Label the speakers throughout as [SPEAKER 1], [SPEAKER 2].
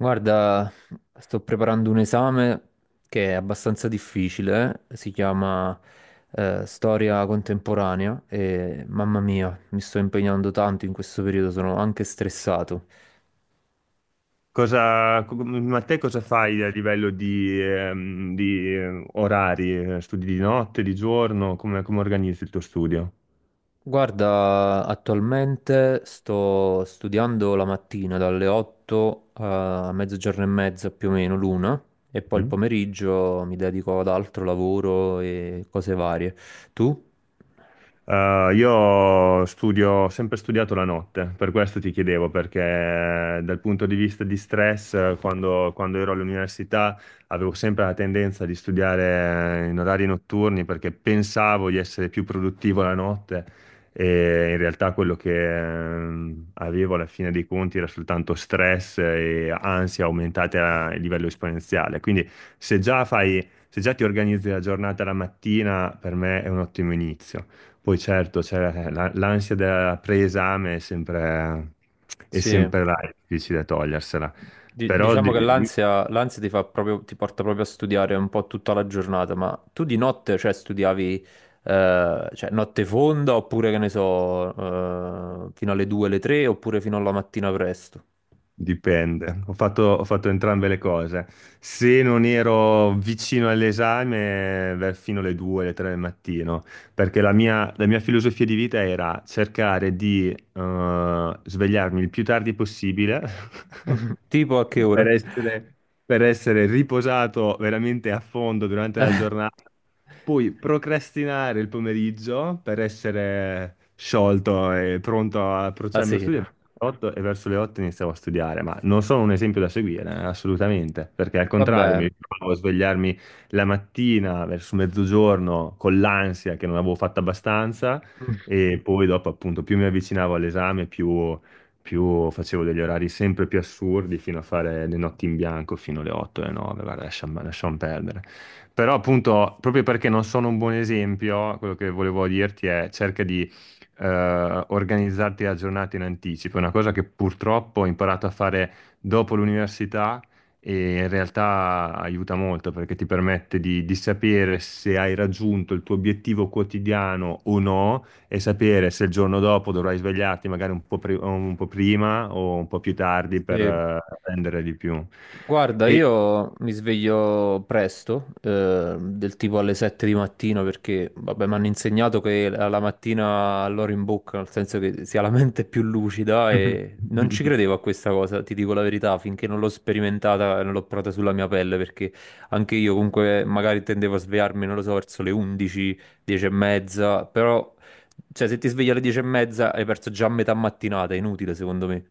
[SPEAKER 1] Guarda, sto preparando un esame che è abbastanza difficile, si chiama Storia contemporanea e mamma mia, mi sto impegnando tanto in questo periodo, sono anche stressato.
[SPEAKER 2] Ma te cosa fai a livello di orari? Studi di notte, di giorno? Come organizzi il tuo studio?
[SPEAKER 1] Guarda, attualmente sto studiando la mattina dalle 8 a mezzogiorno e mezza, più o meno l'una, e poi il
[SPEAKER 2] Mm?
[SPEAKER 1] pomeriggio mi dedico ad altro lavoro e cose varie. Tu?
[SPEAKER 2] Io studio, ho sempre studiato la notte, per questo ti chiedevo, perché dal punto di vista di stress, quando ero all'università avevo sempre la tendenza di studiare in orari notturni perché pensavo di essere più produttivo la notte e in realtà quello che avevo alla fine dei conti era soltanto stress e ansia aumentate a livello esponenziale. Quindi se già ti organizzi la giornata la mattina, per me è un ottimo inizio. Poi certo, c'è l'ansia da preesame è
[SPEAKER 1] Sì.
[SPEAKER 2] sempre là, è difficile togliersela,
[SPEAKER 1] Di-
[SPEAKER 2] però
[SPEAKER 1] Diciamo che l'ansia ti fa proprio, ti porta proprio a studiare un po' tutta la giornata, ma tu di notte, cioè, studiavi, cioè, notte fonda oppure, che ne so, fino alle 2, alle 3 oppure fino alla mattina presto?
[SPEAKER 2] dipende. Ho fatto entrambe le cose. Se non ero vicino all'esame, beh, fino alle 2, alle 3 del mattino, perché la mia filosofia di vita era cercare di svegliarmi il più tardi possibile
[SPEAKER 1] Tipo a che
[SPEAKER 2] per
[SPEAKER 1] ora?
[SPEAKER 2] essere, per essere riposato veramente a fondo durante la giornata, poi procrastinare il pomeriggio per essere sciolto e pronto a
[SPEAKER 1] La
[SPEAKER 2] approcciarmi allo studio.
[SPEAKER 1] sera.
[SPEAKER 2] 8 e verso le 8 iniziavo a studiare, ma non sono un esempio da seguire, assolutamente, perché al contrario mi
[SPEAKER 1] Vabbè,
[SPEAKER 2] ritrovavo a svegliarmi la mattina verso mezzogiorno con l'ansia che non avevo fatto abbastanza e poi dopo, appunto, più mi avvicinavo all'esame, più facevo degli orari sempre più assurdi fino a fare le notti in bianco fino alle 8 alle 9, guarda, lasciamo perdere. Però, appunto, proprio perché non sono un buon esempio, quello che volevo dirti è cerca di organizzarti la giornata in anticipo. È una cosa che purtroppo ho imparato a fare dopo l'università e in realtà aiuta molto perché ti permette di sapere se hai raggiunto il tuo obiettivo quotidiano o no e sapere se il giorno dopo dovrai svegliarti magari un po' prima o un po' più tardi per
[SPEAKER 1] sì.
[SPEAKER 2] prendere di più.
[SPEAKER 1] Guarda,
[SPEAKER 2] E...
[SPEAKER 1] io mi sveglio presto, del tipo alle 7 di mattina, perché vabbè, mi hanno insegnato che la mattina all'ora in bocca, nel senso che si ha la mente più lucida, e non ci credevo a questa cosa, ti dico la verità, finché non l'ho sperimentata e non l'ho provata sulla mia pelle, perché anche io comunque magari tendevo a svegliarmi, non lo so, verso le 11, 10 e mezza, però cioè, se ti svegli alle 10 e mezza hai perso già metà mattinata, è inutile secondo me.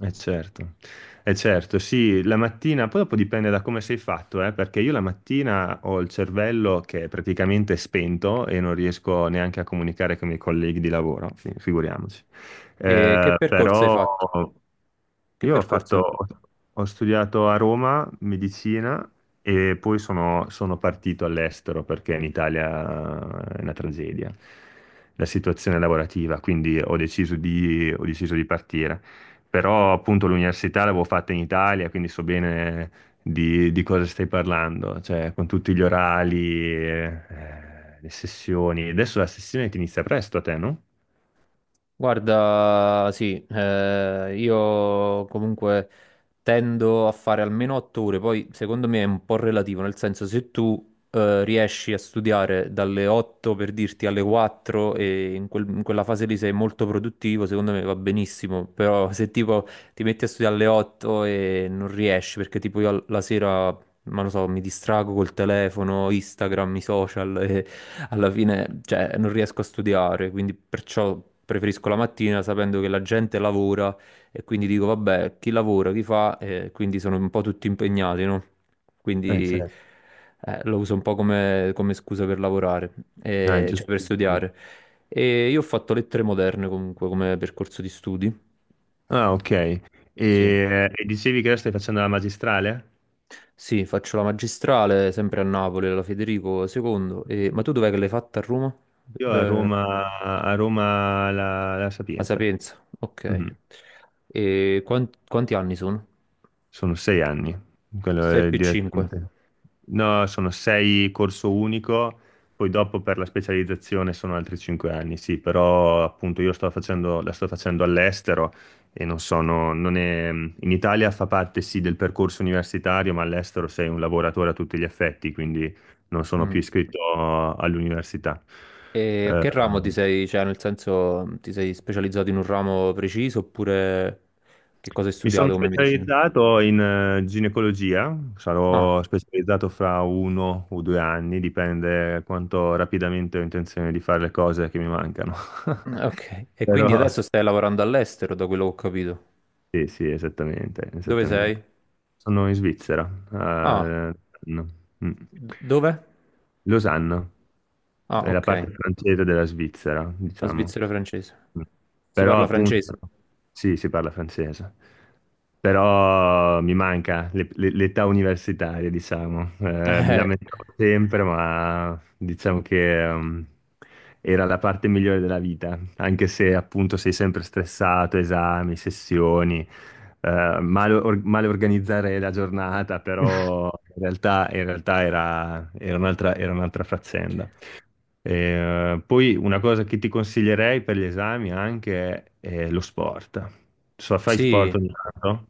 [SPEAKER 2] Eh certo, eh certo, sì, la mattina, poi dopo dipende da come sei fatto, perché io la mattina ho il cervello che è praticamente spento e non riesco neanche a comunicare con i miei colleghi di lavoro, figuriamoci.
[SPEAKER 1] E che percorso hai
[SPEAKER 2] Però
[SPEAKER 1] fatto? Che
[SPEAKER 2] io
[SPEAKER 1] percorso?
[SPEAKER 2] ho studiato a Roma medicina e poi sono partito all'estero perché in Italia è una tragedia la situazione lavorativa, quindi ho deciso di partire. Però appunto l'università l'avevo fatta in Italia, quindi so bene di cosa stai parlando, cioè con tutti gli orali, le sessioni. Adesso la sessione ti inizia presto a te, no?
[SPEAKER 1] Guarda, sì, io comunque tendo a fare almeno 8 ore, poi secondo me è un po' relativo, nel senso se tu riesci a studiare dalle 8 per dirti alle 4, e in, in quella fase lì sei molto produttivo, secondo me va benissimo, però se tipo ti metti a studiare alle 8 e non riesci perché tipo io la sera, ma lo so, mi distrago col telefono, Instagram, i social, alla fine, cioè, non riesco a studiare, quindi perciò preferisco la mattina, sapendo che la gente lavora, e quindi dico, vabbè, chi lavora, chi fa, e quindi sono un po' tutti impegnati, no? Quindi
[SPEAKER 2] Certo.
[SPEAKER 1] lo uso un po' come, scusa per lavorare,
[SPEAKER 2] Ah, è
[SPEAKER 1] cioè per
[SPEAKER 2] giustissimo.
[SPEAKER 1] studiare. E io ho fatto lettere moderne comunque come percorso di studi.
[SPEAKER 2] Ah, ok.
[SPEAKER 1] Sì.
[SPEAKER 2] E dicevi che ora stai facendo la magistrale?
[SPEAKER 1] Sì, faccio la magistrale sempre a Napoli, alla Federico II. Ma tu dov'è che l'hai fatta, a Roma?
[SPEAKER 2] Io
[SPEAKER 1] Eh,
[SPEAKER 2] A Roma la
[SPEAKER 1] La
[SPEAKER 2] Sapienza.
[SPEAKER 1] Sapienza, ok.
[SPEAKER 2] Mhm.
[SPEAKER 1] E quanti anni sono?
[SPEAKER 2] Sono 6 anni. Quello
[SPEAKER 1] 6
[SPEAKER 2] è
[SPEAKER 1] più 5.
[SPEAKER 2] direttamente. No, sono sei corso unico, poi dopo per la specializzazione sono altri 5 anni, sì, però appunto la sto facendo all'estero e non è, in Italia fa parte sì del percorso universitario, ma all'estero sei un lavoratore a tutti gli effetti, quindi non sono più iscritto all'università.
[SPEAKER 1] E a
[SPEAKER 2] Eh,
[SPEAKER 1] che ramo ti sei, cioè nel senso ti sei specializzato in un ramo preciso, oppure che cosa hai
[SPEAKER 2] Mi sono
[SPEAKER 1] studiato come medicina?
[SPEAKER 2] specializzato in ginecologia,
[SPEAKER 1] Ah,
[SPEAKER 2] sarò specializzato fra 1 o 2 anni, dipende quanto rapidamente ho intenzione di fare le cose che mi mancano.
[SPEAKER 1] mm, ok. E quindi
[SPEAKER 2] Però
[SPEAKER 1] adesso stai lavorando all'estero, da quello che ho capito.
[SPEAKER 2] sì, sì, esattamente,
[SPEAKER 1] Dove
[SPEAKER 2] esattamente.
[SPEAKER 1] sei?
[SPEAKER 2] Sono in Svizzera,
[SPEAKER 1] Ah,
[SPEAKER 2] a Losanna. Mm.
[SPEAKER 1] dove?
[SPEAKER 2] Losanna,
[SPEAKER 1] Ah,
[SPEAKER 2] è la
[SPEAKER 1] ok.
[SPEAKER 2] parte francese della Svizzera,
[SPEAKER 1] La
[SPEAKER 2] diciamo.
[SPEAKER 1] Svizzera francese. Si
[SPEAKER 2] Però
[SPEAKER 1] parla
[SPEAKER 2] appunto,
[SPEAKER 1] francese?
[SPEAKER 2] sì, si parla francese, però mi manca l'età universitaria, diciamo. Mi lamentavo
[SPEAKER 1] Eh,
[SPEAKER 2] sempre, ma diciamo che era la parte migliore della vita, anche se appunto sei sempre stressato, esami, sessioni, male, male organizzare la giornata, però in realtà era un'altra faccenda. Poi una cosa che ti consiglierei per gli esami anche è, lo sport. So, fai sport
[SPEAKER 1] sì.
[SPEAKER 2] ogni tanto?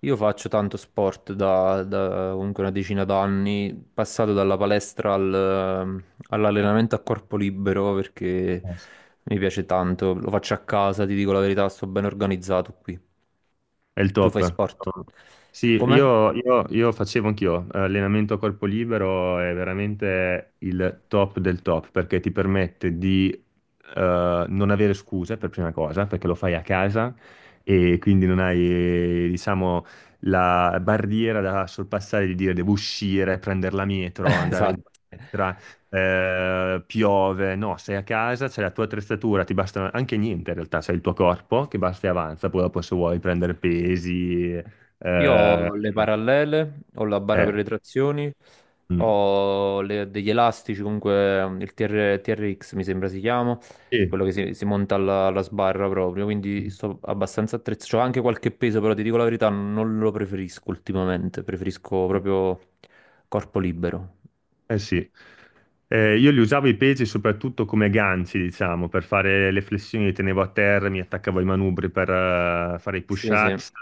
[SPEAKER 1] Io faccio tanto sport da comunque una decina d'anni, passato dalla palestra all'allenamento a corpo libero, perché
[SPEAKER 2] Eh,
[SPEAKER 1] mi piace tanto, lo faccio a casa, ti dico la verità, sto ben organizzato qui.
[SPEAKER 2] È il
[SPEAKER 1] Tu fai
[SPEAKER 2] top.
[SPEAKER 1] sport?
[SPEAKER 2] Sì,
[SPEAKER 1] Come?
[SPEAKER 2] io facevo anch'io allenamento a corpo libero, è veramente il top del top perché ti permette di non avere scuse per prima cosa, perché lo fai a casa e quindi non hai, diciamo, la barriera da sorpassare di dire devo uscire, prendere la metro, andare in palestra piove, no, sei a casa, c'è la tua attrezzatura, ti basta anche niente in realtà, c'è il tuo corpo che basta e avanza, poi dopo se vuoi prendere pesi,
[SPEAKER 1] Io ho le parallele, ho la barra per
[SPEAKER 2] eh,
[SPEAKER 1] le trazioni,
[SPEAKER 2] mm.
[SPEAKER 1] ho degli elastici, comunque il TR TRX mi sembra si chiama,
[SPEAKER 2] Sì.
[SPEAKER 1] quello che si monta alla sbarra proprio, quindi sto abbastanza attrezzato. C'ho anche qualche peso, però ti dico la verità, non lo preferisco ultimamente, preferisco proprio corpo libero.
[SPEAKER 2] Eh sì, eh, io li usavo i pesi soprattutto come ganci, diciamo, per fare le flessioni, li tenevo a terra, mi attaccavo ai manubri per fare i
[SPEAKER 1] Sì, sì,
[SPEAKER 2] push-ups.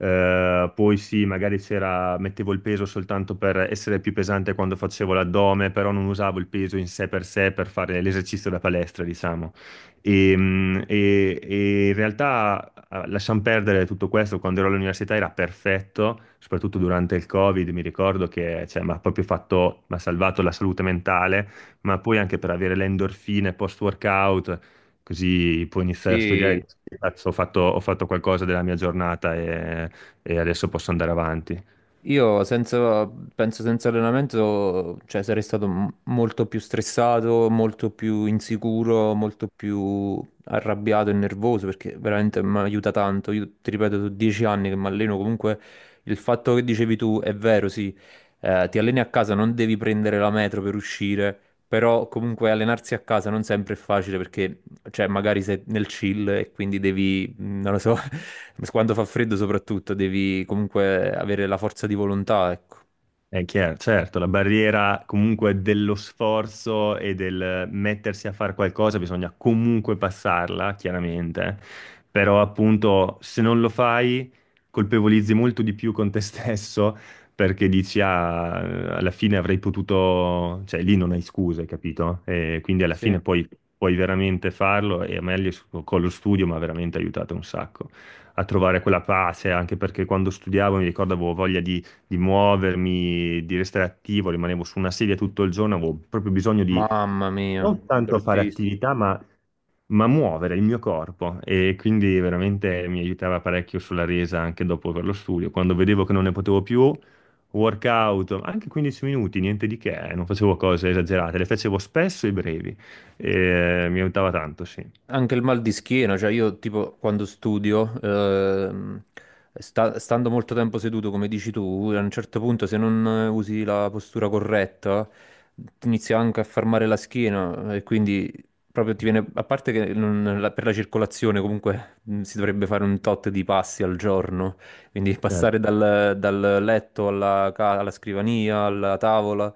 [SPEAKER 2] Poi sì, magari c'era, mettevo il peso soltanto per essere più pesante quando facevo l'addome, però non usavo il peso in sé per fare l'esercizio da palestra, diciamo. E, e in realtà lasciamo perdere tutto questo, quando ero all'università era perfetto, soprattutto durante il Covid, mi ricordo che cioè, mi ha salvato la salute mentale, ma poi anche per avere le endorfine post-workout, così puoi iniziare a studiare, e
[SPEAKER 1] sì.
[SPEAKER 2] dici, "Cazzo, ho fatto qualcosa della mia giornata e adesso posso andare avanti."
[SPEAKER 1] Io senza, penso senza allenamento, cioè, sarei stato molto più stressato, molto più insicuro, molto più arrabbiato e nervoso, perché veramente mi aiuta tanto. Io ti ripeto, sono 10 anni che mi alleno, comunque il fatto che dicevi tu è vero, sì, ti alleni a casa, non devi prendere la metro per uscire, però comunque allenarsi a casa non sempre è facile, perché cioè, magari sei nel chill e quindi devi, non lo so, quando fa freddo soprattutto, devi comunque avere la forza di volontà, ecco.
[SPEAKER 2] È chiaro, certo, la barriera comunque dello sforzo e del mettersi a fare qualcosa bisogna comunque passarla, chiaramente, però appunto se non lo fai colpevolizzi molto di più con te stesso perché dici ah, alla fine avrei potuto, cioè lì non hai scuse, capito? E quindi alla
[SPEAKER 1] Sì,
[SPEAKER 2] fine poi puoi veramente farlo e a me lì con lo studio mi ha veramente aiutato un sacco a trovare quella pace, anche perché quando studiavo mi ricordavo voglia di muovermi, di restare attivo, rimanevo su una sedia tutto il giorno, avevo proprio bisogno di
[SPEAKER 1] mamma mia,
[SPEAKER 2] non tanto fare
[SPEAKER 1] bruttissimo.
[SPEAKER 2] attività, ma muovere il mio corpo e quindi veramente mi aiutava parecchio sulla resa anche dopo per lo studio. Quando vedevo che non ne potevo più, workout, anche 15 minuti, niente di che, non facevo cose esagerate, le facevo spesso e brevi e mi aiutava tanto, sì.
[SPEAKER 1] Anche il mal di schiena, cioè io tipo quando studio, stando molto tempo seduto come dici tu, a un certo punto, se non usi la postura corretta, ti inizia anche a fermare la schiena, e quindi proprio ti viene, a parte che per la circolazione comunque si dovrebbe fare un tot di passi al giorno, quindi
[SPEAKER 2] Certo.
[SPEAKER 1] passare dal, letto alla scrivania, alla tavola.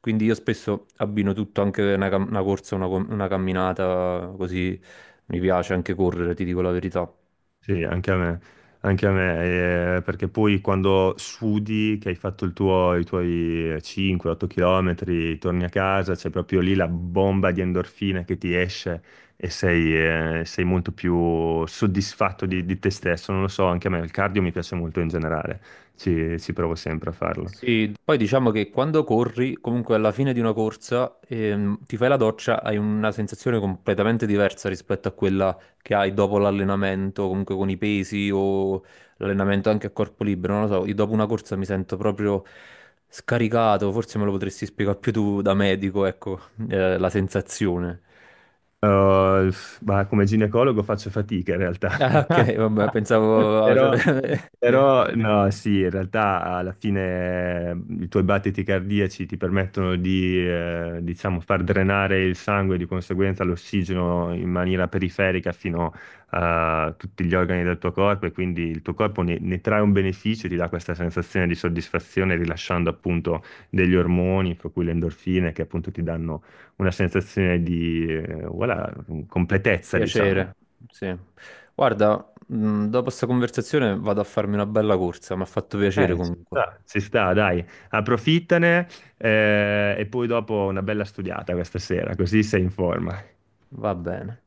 [SPEAKER 1] Quindi io spesso abbino tutto, anche una corsa, una camminata, così. Mi piace anche correre, ti dico la verità.
[SPEAKER 2] Sì, anche a me, perché poi quando sudi, che hai fatto i tuoi 5-8 km, torni a casa, c'è proprio lì la bomba di endorfina che ti esce e sei, sei molto più soddisfatto di te stesso, non lo so, anche a me il cardio mi piace molto in generale, ci provo sempre a farlo.
[SPEAKER 1] Sì, poi diciamo che quando corri, comunque alla fine di una corsa, ti fai la doccia, hai una sensazione completamente diversa rispetto a quella che hai dopo l'allenamento, comunque con i pesi o l'allenamento anche a corpo libero. Non lo so, io dopo una corsa mi sento proprio scaricato, forse me lo potresti spiegare più tu da medico, ecco, la sensazione.
[SPEAKER 2] Uh, ma come ginecologo faccio fatica in realtà.
[SPEAKER 1] Ah, ok, vabbè, pensavo...
[SPEAKER 2] Però,
[SPEAKER 1] cioè,
[SPEAKER 2] però, no, sì, in realtà alla fine i tuoi battiti cardiaci ti permettono diciamo, far drenare il sangue e di conseguenza l'ossigeno in maniera periferica fino a tutti gli organi del tuo corpo e quindi il tuo corpo ne trae un beneficio, ti dà questa sensazione di soddisfazione rilasciando appunto degli ormoni, fra cui le endorfine, che appunto ti danno una sensazione di voilà, completezza, diciamo.
[SPEAKER 1] piacere, sì. Guarda, dopo questa conversazione vado a farmi una bella corsa, mi ha fatto piacere
[SPEAKER 2] Ci
[SPEAKER 1] comunque.
[SPEAKER 2] sta. Si sta, dai, approfittane e poi dopo una bella studiata questa sera, così sei in forma.
[SPEAKER 1] Va bene.